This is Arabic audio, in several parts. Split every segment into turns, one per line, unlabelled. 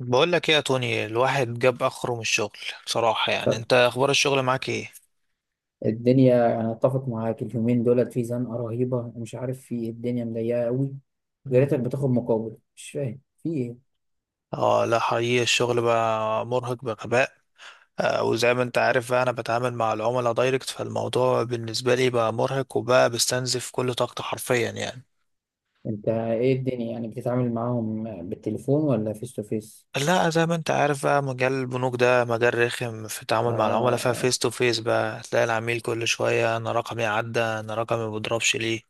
بقول لك ايه يا توني؟ الواحد جاب اخره من الشغل. بصراحة يعني انت اخبار الشغل معاك ايه؟
الدنيا، انا اتفق معاك. اليومين دولت في زنقه رهيبه، مش عارف في إيه، الدنيا مضيقه قوي. يا
مم.
ريتك بتاخد مقابل، مش فاهم في ايه.
اه لا حقيقي الشغل بقى مرهق بغباء. آه، وزي ما انت عارف بقى انا بتعامل مع العملاء دايركت، فالموضوع بالنسبة لي بقى مرهق وبقى بستنزف كل طاقتي حرفيا يعني.
انت ايه الدنيا يعني بتتعامل معاهم؟ بالتليفون ولا فيس تو فيس؟
لا زي ما انت عارف بقى مجال البنوك ده مجال رخم في التعامل مع العملاء،
اه.
ففيس تو فيس بقى تلاقي العميل كل شوية: انا رقمي عدى، انا رقمي مبضربش ليه.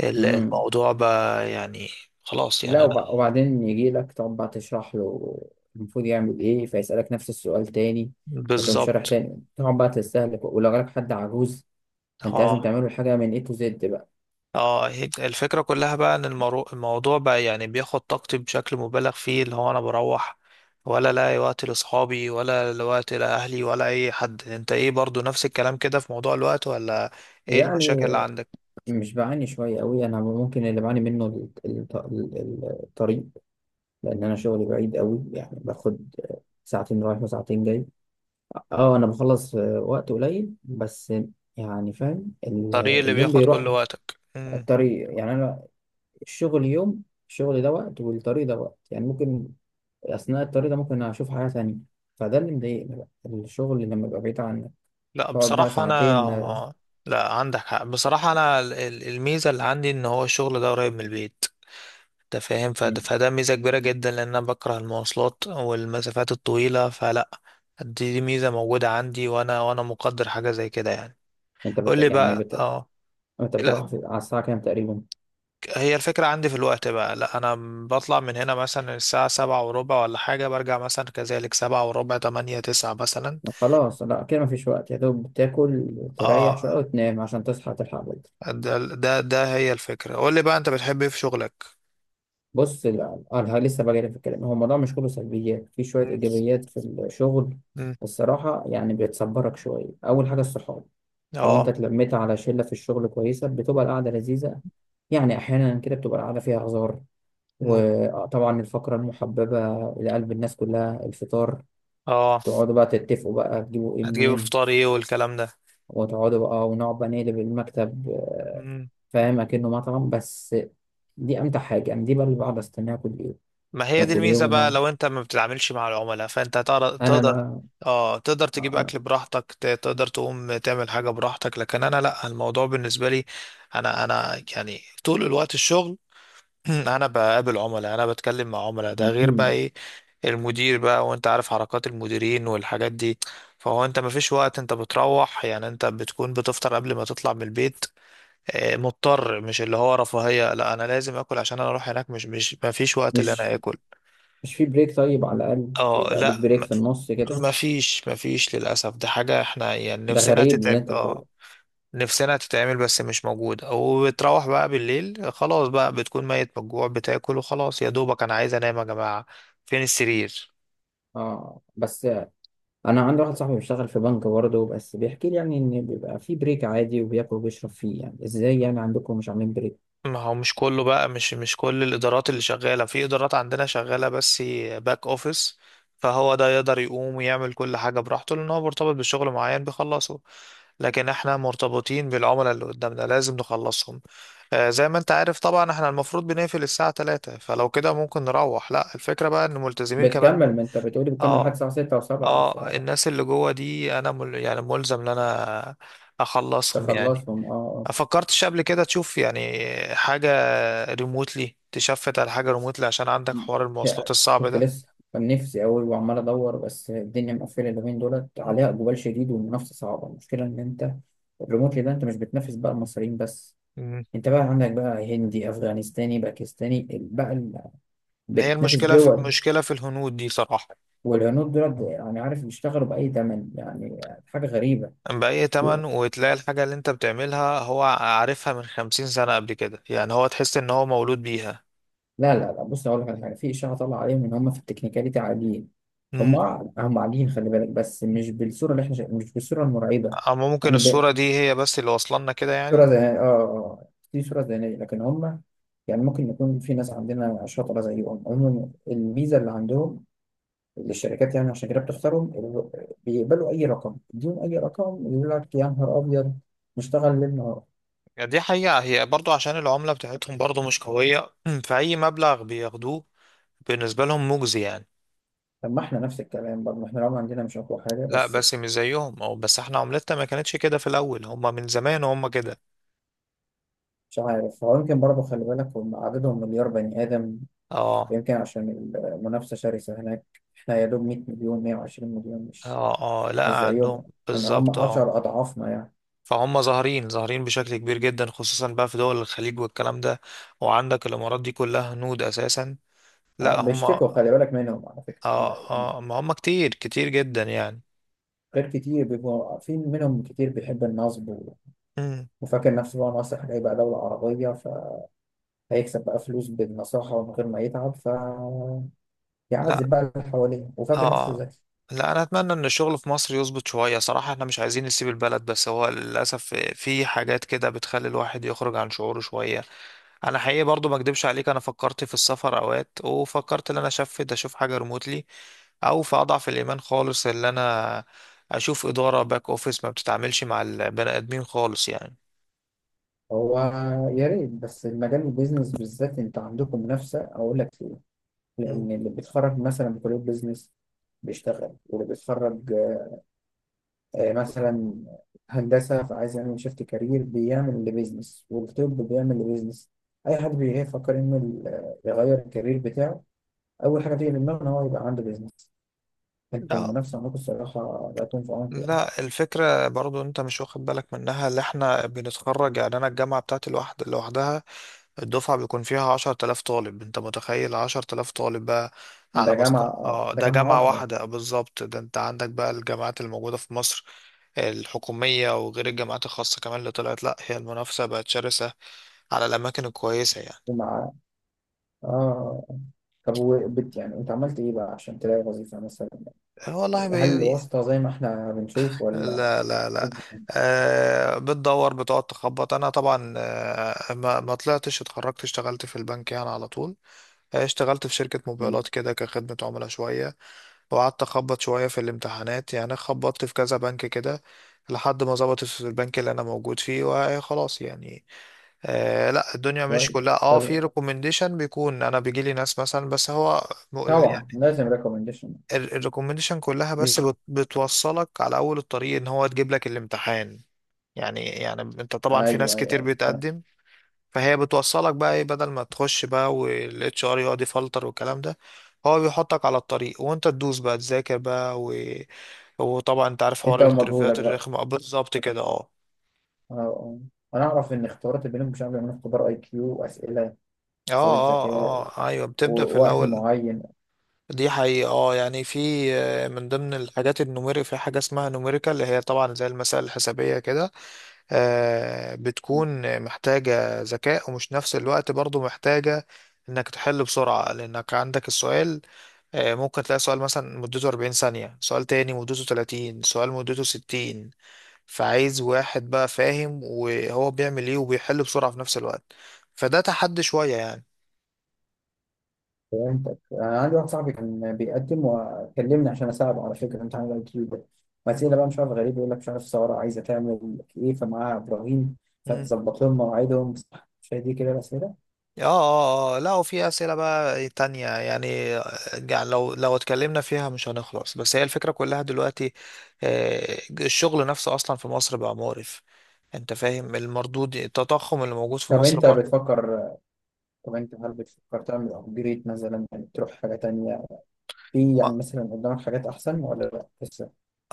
امم.
الموضوع بقى يعني خلاص
لا،
يعني انا.
وب- وبعدين يجي لك تقعد بقى تشرح له المفروض يعمل ايه، فيسألك نفس السؤال تاني، فتقوم شارح
بالظبط.
تاني، تقعد بقى تستهلك. ولو جالك حد عجوز فانت لازم
اه
تعمله الحاجه من اي تو زد بقى.
اه، هي الفكرة كلها بقى ان الموضوع بقى يعني بياخد طاقتي بشكل مبالغ فيه. اللي هو انا بروح ولا لاقي وقت لاصحابي، ولا وقت لاهلي، ولا اي حد. انت ايه برضو نفس الكلام كده في موضوع الوقت ولا ايه المشاكل اللي
يعني
عندك؟
مش بعاني شوية قوي أنا. ممكن اللي بعاني منه الطريق، لأن أنا شغلي بعيد قوي. يعني باخد ساعتين رايح وساعتين جاي. أه أنا بخلص في وقت قليل، بس يعني فاهم
الطريق اللي
اليوم
بياخد
بيروح.
كل وقتك. مم.
الطريق، يعني أنا الشغل يوم، الشغل ده وقت والطريق ده وقت. يعني ممكن أثناء الطريق ده ممكن أشوف حاجة تانية. فده اللي مضايقني بقى، الشغل لما يبقى بعيد عنك
لا
تقعد بقى
بصراحة
ساعتين. آه.
انا، لا عندك حق. بصراحة انا الميزة اللي عندي ان هو الشغل ده قريب من البيت. انت فاهم؟ فده ميزة كبيرة جدا، لان انا بكره المواصلات والمسافات الطويلة، فلا، دي ميزة موجودة عندي، وانا مقدر حاجة زي كده يعني.
أنت
قول
بت...
لي
يعني
بقى.
بت...
اه
أنت
لا،
على الساعة كام تقريبا؟
هي الفكرة عندي في الوقت بقى. لا انا بطلع من هنا مثلا الساعة 7:15 ولا حاجة، برجع مثلا كذلك 7:15، 8، 9 مثلا.
خلاص، لا كده مفيش وقت، يا دوب تاكل تريح شوية
اه.
وتنام عشان تصحى تلحق بدري.
ده هي الفكرة. قول لي بقى، انت بتحب ايه في شغلك؟
بص، لا أنا لسه بجري في الكلام. هو الموضوع مش كله سلبيات، في شوية
مم.
إيجابيات في الشغل
مم.
الصراحة. يعني بتصبرك شوية، أول حاجة الصحاب. لو أنت
اه.
اتلميت على شلة في الشغل كويسة بتبقى القعدة لذيذة. يعني أحيانا كده بتبقى القعدة فيها هزار.
مم.
وطبعا الفقرة المحببة إلى قلب الناس كلها، الفطار.
اه.
تقعدوا بقى تتفقوا بقى تجيبوا إيه
هتجيب
منين،
فطار ايه والكلام
وتقعدوا بقى ونقعد بقى نقلب المكتب.
ده؟
فاهم، اكنه مطعم بس. دي امتع حاجه، انا دي بقى اللي بقعد استناها كل يوم.
ما هي دي
ناكل ايه
الميزة بقى،
ونقعد.
لو انت ما بتتعاملش مع العملاء فانت هتقدر.
انا
تقدر
ما
اه، تقدر تجيب
انا
اكل براحتك، تقدر تقوم تعمل حاجة براحتك. لكن انا لا، الموضوع بالنسبة لي، انا يعني طول الوقت الشغل. انا بقابل عملاء، انا بتكلم مع عملاء، ده غير بقى
مم.
ايه، المدير بقى، وانت عارف حركات المديرين والحاجات دي. فهو انت مفيش وقت، انت بتروح يعني انت بتكون بتفطر قبل ما تطلع من البيت. آه، مضطر، مش اللي هو رفاهية. لا، انا لازم اكل عشان انا اروح هناك. مش مفيش وقت اللي انا
مش
اكل.
مش في بريك طيب على الاقل؟
اه،
يبقى ليك
لا م-
بريك في النص كده.
مفيش للأسف. دي حاجة احنا يعني
ده
نفسنا
غريب اللي
تتعمل،
انت بتقوله.
اه، نفسنا تتعمل بس مش موجودة. وبتروح بقى بالليل، خلاص بقى بتكون ميت من الجوع، بتاكل وخلاص، يا دوبك انا عايز انام يا جماعة، فين السرير.
اه، بس انا عندي واحد صاحبي بيشتغل في بنك برضه، بس بيحكي لي يعني ان بيبقى في بريك عادي وبياكل وبيشرب فيه. يعني ازاي يعني عندكم مش عاملين بريك؟
ما هو مش كله بقى، مش كل الادارات اللي شغاله، في ادارات عندنا شغاله بس باك اوفيس. فهو ده يقدر يقوم ويعمل كل حاجه براحته، لان هو مرتبط بشغل معين بيخلصه. لكن احنا مرتبطين بالعملاء اللي قدامنا، لازم نخلصهم. آه، زي ما انت عارف طبعا احنا المفروض بنقفل الساعه 3. فلو كده ممكن نروح، لا، الفكره بقى ان ملتزمين كمان
بتكمل، ما انت بتقولي بتكمل لحد
اه.
الساعه 6 و7.
اه، الناس اللي جوه دي انا يعني ملزم ان انا اخلصهم يعني.
فتخلصهم، اه.
فكرتش قبل كده تشوف يعني حاجة ريموتلي؟ تشفت على حاجة ريموتلي عشان عندك حوار المواصلات
ده
الصعب
كنت
ده.
لسه، كان نفسي أوي وعمال أدور، بس الدنيا مقفلة اليومين دولت، عليها
مم.
إقبال شديد والمنافسة صعبة. المشكلة إن أنت الريموتلي ده أنت مش بتنافس بقى المصريين بس،
مم.
أنت بقى عندك بقى هندي أفغانستاني باكستاني بقى
ما هي
بتنافس
المشكلة، في
دول.
مشكلة في الهنود دي صراحة.
والهنود دولت، يعني عارف بيشتغلوا بأي تمن، يعني حاجة غريبة.
بأي تمن، وتلاقي الحاجة اللي انت بتعملها هو عارفها من 50 سنة قبل كده يعني، هو تحس ان هو مولود بيها.
لا لا لا، بص أقول لك على حاجة، في إشاعة طالعة عليهم إن هم في التكنيكاليتي عاليين. هم
مم.
هم عاليين، خلي بالك، بس مش بالصورة اللي إحنا مش بالصورة المرعبة.
اما ممكن
يعني
الصورة دي هي بس اللي واصلنا كده
صورة
يعني.
ذهنية، اه اه، دي صورة ذهنية، لكن هم يعني ممكن يكون في ناس عندنا شاطرة زيهم. عموما الميزة اللي عندهم، اللي الشركات يعني عشان كده بتختارهم، بيقبلوا أي رقم يديهم، أي رقم، يقول لك يا نهار أبيض نشتغل ليل نهار.
دي حقيقة، هي برضو عشان العملة بتاعتهم برضو مش قوية. فأي مبلغ بياخدوه بالنسبة لهم مجزي يعني.
طب ما احنا نفس الكلام برضه، احنا رغم عندنا مش أقوى حاجة
لا
بس.
بس مش زيهم. او بس احنا عملتنا ما كانتش كده في الاول، هم من زمان وهم كده.
مش عارف، هو يمكن برضه خلي بالك هم عددهم مليار بني آدم،
اه
يمكن عشان المنافسة شرسة هناك. احنا يا دوب 100 مليون، 120 مليون، مش
اه اه، لا
مش
عندهم.
زيهم. يعني هم
بالظبط اه.
10 أضعافنا يعني.
فهم ظاهرين، ظاهرين بشكل كبير جدا، خصوصا بقى في دول الخليج والكلام ده. وعندك الامارات دي كلها هنود اساسا.
آه،
لا هم
بيشتكوا
اه.
خلي بالك منهم على فكرة. يعني
اه، ما هم كتير، كتير جدا يعني.
غير كتير، بيبقوا في منهم كتير بيحب النصب
مم.
وفاكر نفسه بقى ناصح، هيبقى دولة عربية فهيكسب بقى فلوس بالنصاحة، ومن غير ما يتعب فيعذب
لا
بقى اللي حواليه، وفاكر نفسه
اه،
ذكي.
لا انا اتمنى ان الشغل في مصر يظبط شويه صراحه. احنا مش عايزين نسيب البلد، بس هو للاسف في حاجات كده بتخلي الواحد يخرج عن شعوره شويه. انا حقيقي برضو ما اكدبش عليك، انا فكرت في السفر اوقات، وفكرت ان انا اشفت اشوف حاجه ريموتلي، او في اضعف الايمان خالص ان انا اشوف اداره باك اوفيس ما بتتعاملش مع البني ادمين خالص يعني.
هو يا ريت بس، المجال البيزنس بالذات انت عندكم منافسة، أقول لك ليه؟
مم.
لأن اللي بيتخرج مثلا من كلية بيزنس بيشتغل، واللي بيتخرج آه، مثلا هندسة فعايز يعمل شيفت كارير بيعمل لبيزنس، والطب بيعمل لبيزنس. أي حد بيفكر إنه يغير الكارير بتاعه، أول حاجة تيجي في دماغه إن هو يبقى عنده بيزنس. أنتوا
لا
المنافسة عندكم الصراحة لا تكون في عمق يعني.
لا، الفكره برضو انت مش واخد بالك منها، اللي احنا بنتخرج يعني، انا الجامعه بتاعتي لوحد لوحدها الدفعة بيكون فيها 10 تلاف طالب. انت متخيل 10 تلاف طالب بقى على
ده
مستوى،
جامعة،
اه،
ده
ده
جامعة
جامعة
واحدة.
واحدة. آه، بالظبط. ده انت عندك بقى الجامعات الموجودة في مصر الحكومية، وغير الجامعات الخاصة كمان اللي طلعت. لأ، هي المنافسة بقت شرسة على الأماكن الكويسة يعني.
ومع آه. طب يعني أنت عملت إيه بقى عشان تلاقي وظيفة مثلا؟
آه، والله
هل واسطة زي ما إحنا بنشوف ولا
لا لا لا.
إيه؟
أه، بتدور، بتقعد تخبط. أنا طبعا أه ما طلعتش، اتخرجت اشتغلت في البنك يعني على طول. آه، اشتغلت في شركة
مم.
موبايلات كده كخدمة عملاء شوية، وقعدت أخبط شوية في الامتحانات يعني، خبطت في كذا بنك كده، لحد ما ظبطت في البنك اللي أنا موجود فيه، وخلاص يعني. آه لا، الدنيا
كويس.
مش كلها اه، في
طب،
ريكومنديشن بيكون، أنا بيجيلي ناس مثلا، بس هو
طبعا
يعني
لازم ريكومنديشن.
الريكومنديشن كلها بس
مش
بتوصلك على أول الطريق، إن هو تجيب لك الامتحان يعني انت طبعا في ناس
أيوه
كتير
أيوه،
بتقدم، فهي بتوصلك بقى ايه، بدل ما تخش بقى والاتش ار يقعد يفلتر والكلام ده، هو بيحطك على الطريق، وانت تدوس بقى تذاكر بقى وطبعا انت عارف حوار
انت
تكمل
ومجهودك
الانترفيوهات بقى
بقى،
الرخمة. آه، بالظبط كده. اه
اه اه. انا اعرف ان اختبارات البنوك مش عامله من اختبار اي كيو، واسئله،
اه
اسئله
اه
ذكاء
اه، ايوه. بتبدأ في
ووقت
الاول،
معين.
دي حقيقة اه يعني، في آه، من ضمن الحاجات النوميري، في حاجة اسمها نوميريكال، اللي هي طبعا زي المسائل الحسابية كده، آه، بتكون محتاجة ذكاء، ومش نفس الوقت برضو محتاجة انك تحل بسرعة، لانك عندك السؤال آه، ممكن تلاقي سؤال مثلا مدته 40 ثانية، سؤال تاني مدته 30، سؤال مدته 60. فعايز واحد بقى فاهم وهو بيعمل ايه وبيحل بسرعة في نفس الوقت، فده تحدي شوية يعني.
فهمتك. انا عندي واحد صاحبي كان بيقدم وكلمني عشان اساعده على فكره امتحان الاي كيو ده،
مم.
واسئله بقى مش عارف غريب، يقول لك مش عارف الثوره عايزه تعمل ايه فمعاها ابراهيم،
مم.
فتظبط لهم مواعيدهم صح. مش هي دي كده الاسئله؟
اه اه اه، لا وفي أسئلة بقى تانية يعني آه، يعني لو اتكلمنا فيها مش هنخلص. بس هي الفكرة كلها دلوقتي آه، الشغل نفسه أصلا في مصر بقى مقرف. انت فاهم المردود، التضخم اللي موجود في
طب
مصر
انت
برضو.
بتفكر، طب انت هل بتفكر تعمل ابجريد مثلا، يعني تروح حاجه تانيه، في يعني مثلا قدامك حاجات احسن ولا لا؟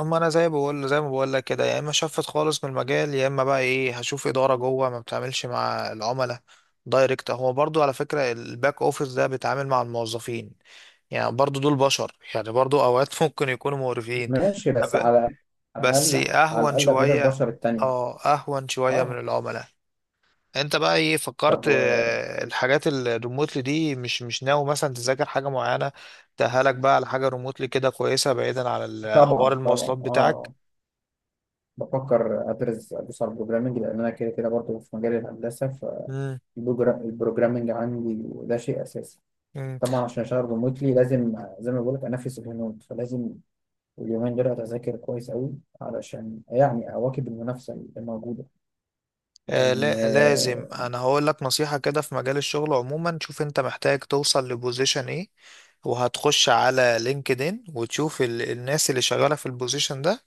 اما انا زي بقول، زي ما بقول لك كده، يا اما شفت خالص من المجال، يا اما بقى ايه، هشوف اداره جوه ما بتعملش مع العملاء دايركت. هو برضو على فكره الباك اوفيس ده بيتعامل مع الموظفين، يعني برضو دول بشر، يعني برضو اوقات ممكن يكونوا مقرفين.
ماشي، بس
ب-
على على
بس
الأقل، على
اهون
الأقل غير
شويه.
البشر التانية.
اه، اهون شويه من
اه.
العملاء. انت بقى ايه
طب
فكرت؟ آه، الحاجات الريموتلي دي، مش ناوي مثلا تذاكر حاجه معينه تأهلك بقى على حاجه ريموتلي كده كويسه، بعيدا عن حوار
طبعا طبعا،
المواصلات بتاعك.
اه، بفكر أدرس على البروجرامينج، لأن أنا كده كده برضه في مجال الهندسة،
مم.
فالبروجرامينج عندي ده شيء أساسي.
مم.
طبعا عشان أشتغل ريموتلي لازم زي ما بقولك أنافس الهنود، فلازم اليومين دول أتذاكر كويس أوي علشان يعني أواكب المنافسة اللي موجودة،
آه
لأن
لا لازم،
آه،
انا هقول لك نصيحة كده في مجال الشغل عموما: شوف انت محتاج توصل لبوزيشن ايه، وهتخش على لينكدين وتشوف الناس اللي شغالة في البوزيشن ده،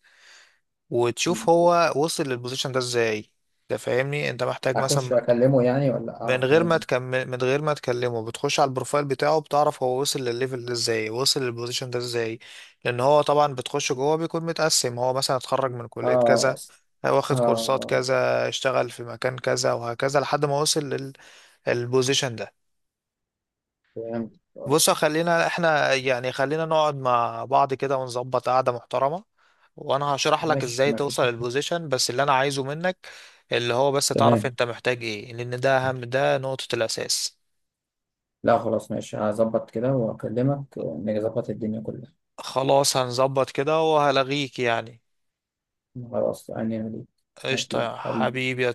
وتشوف هو وصل للبوزيشن ده ازاي. ده فاهمني، انت محتاج
أخش
مثلا،
أكلمه يعني ولا
من
أعرف
غير ما
منين؟
تكمل، من غير ما تكلمه، بتخش على البروفايل بتاعه، بتعرف هو وصل للليفل ده ازاي، وصل للبوزيشن ده ازاي. لان هو طبعا بتخش جوه بيكون متقسم، هو مثلا اتخرج من كلية
اه
كذا،
اه،
واخد كورسات
آه،
كذا، اشتغل في مكان كذا، وهكذا لحد ما وصل للبوزيشن ده.
فهمت.
بص، خلينا احنا يعني خلينا نقعد مع بعض كده ونظبط قعدة محترمة، وانا هشرح لك
ماشي،
ازاي
ما فيش
توصل
مشكلة.
للبوزيشن. بس اللي انا عايزه منك، اللي هو بس تعرف
تمام.
انت محتاج ايه، لان ده اهم، ده نقطة الاساس.
لا خلاص، ماشي، هظبط كده وأكلمك ونظبط الدنيا كلها.
خلاص، هنظبط كده وهلغيك يعني.
خلاص أنا.
قشطة
حبيبي
يا
حبيبي.
حبيبي.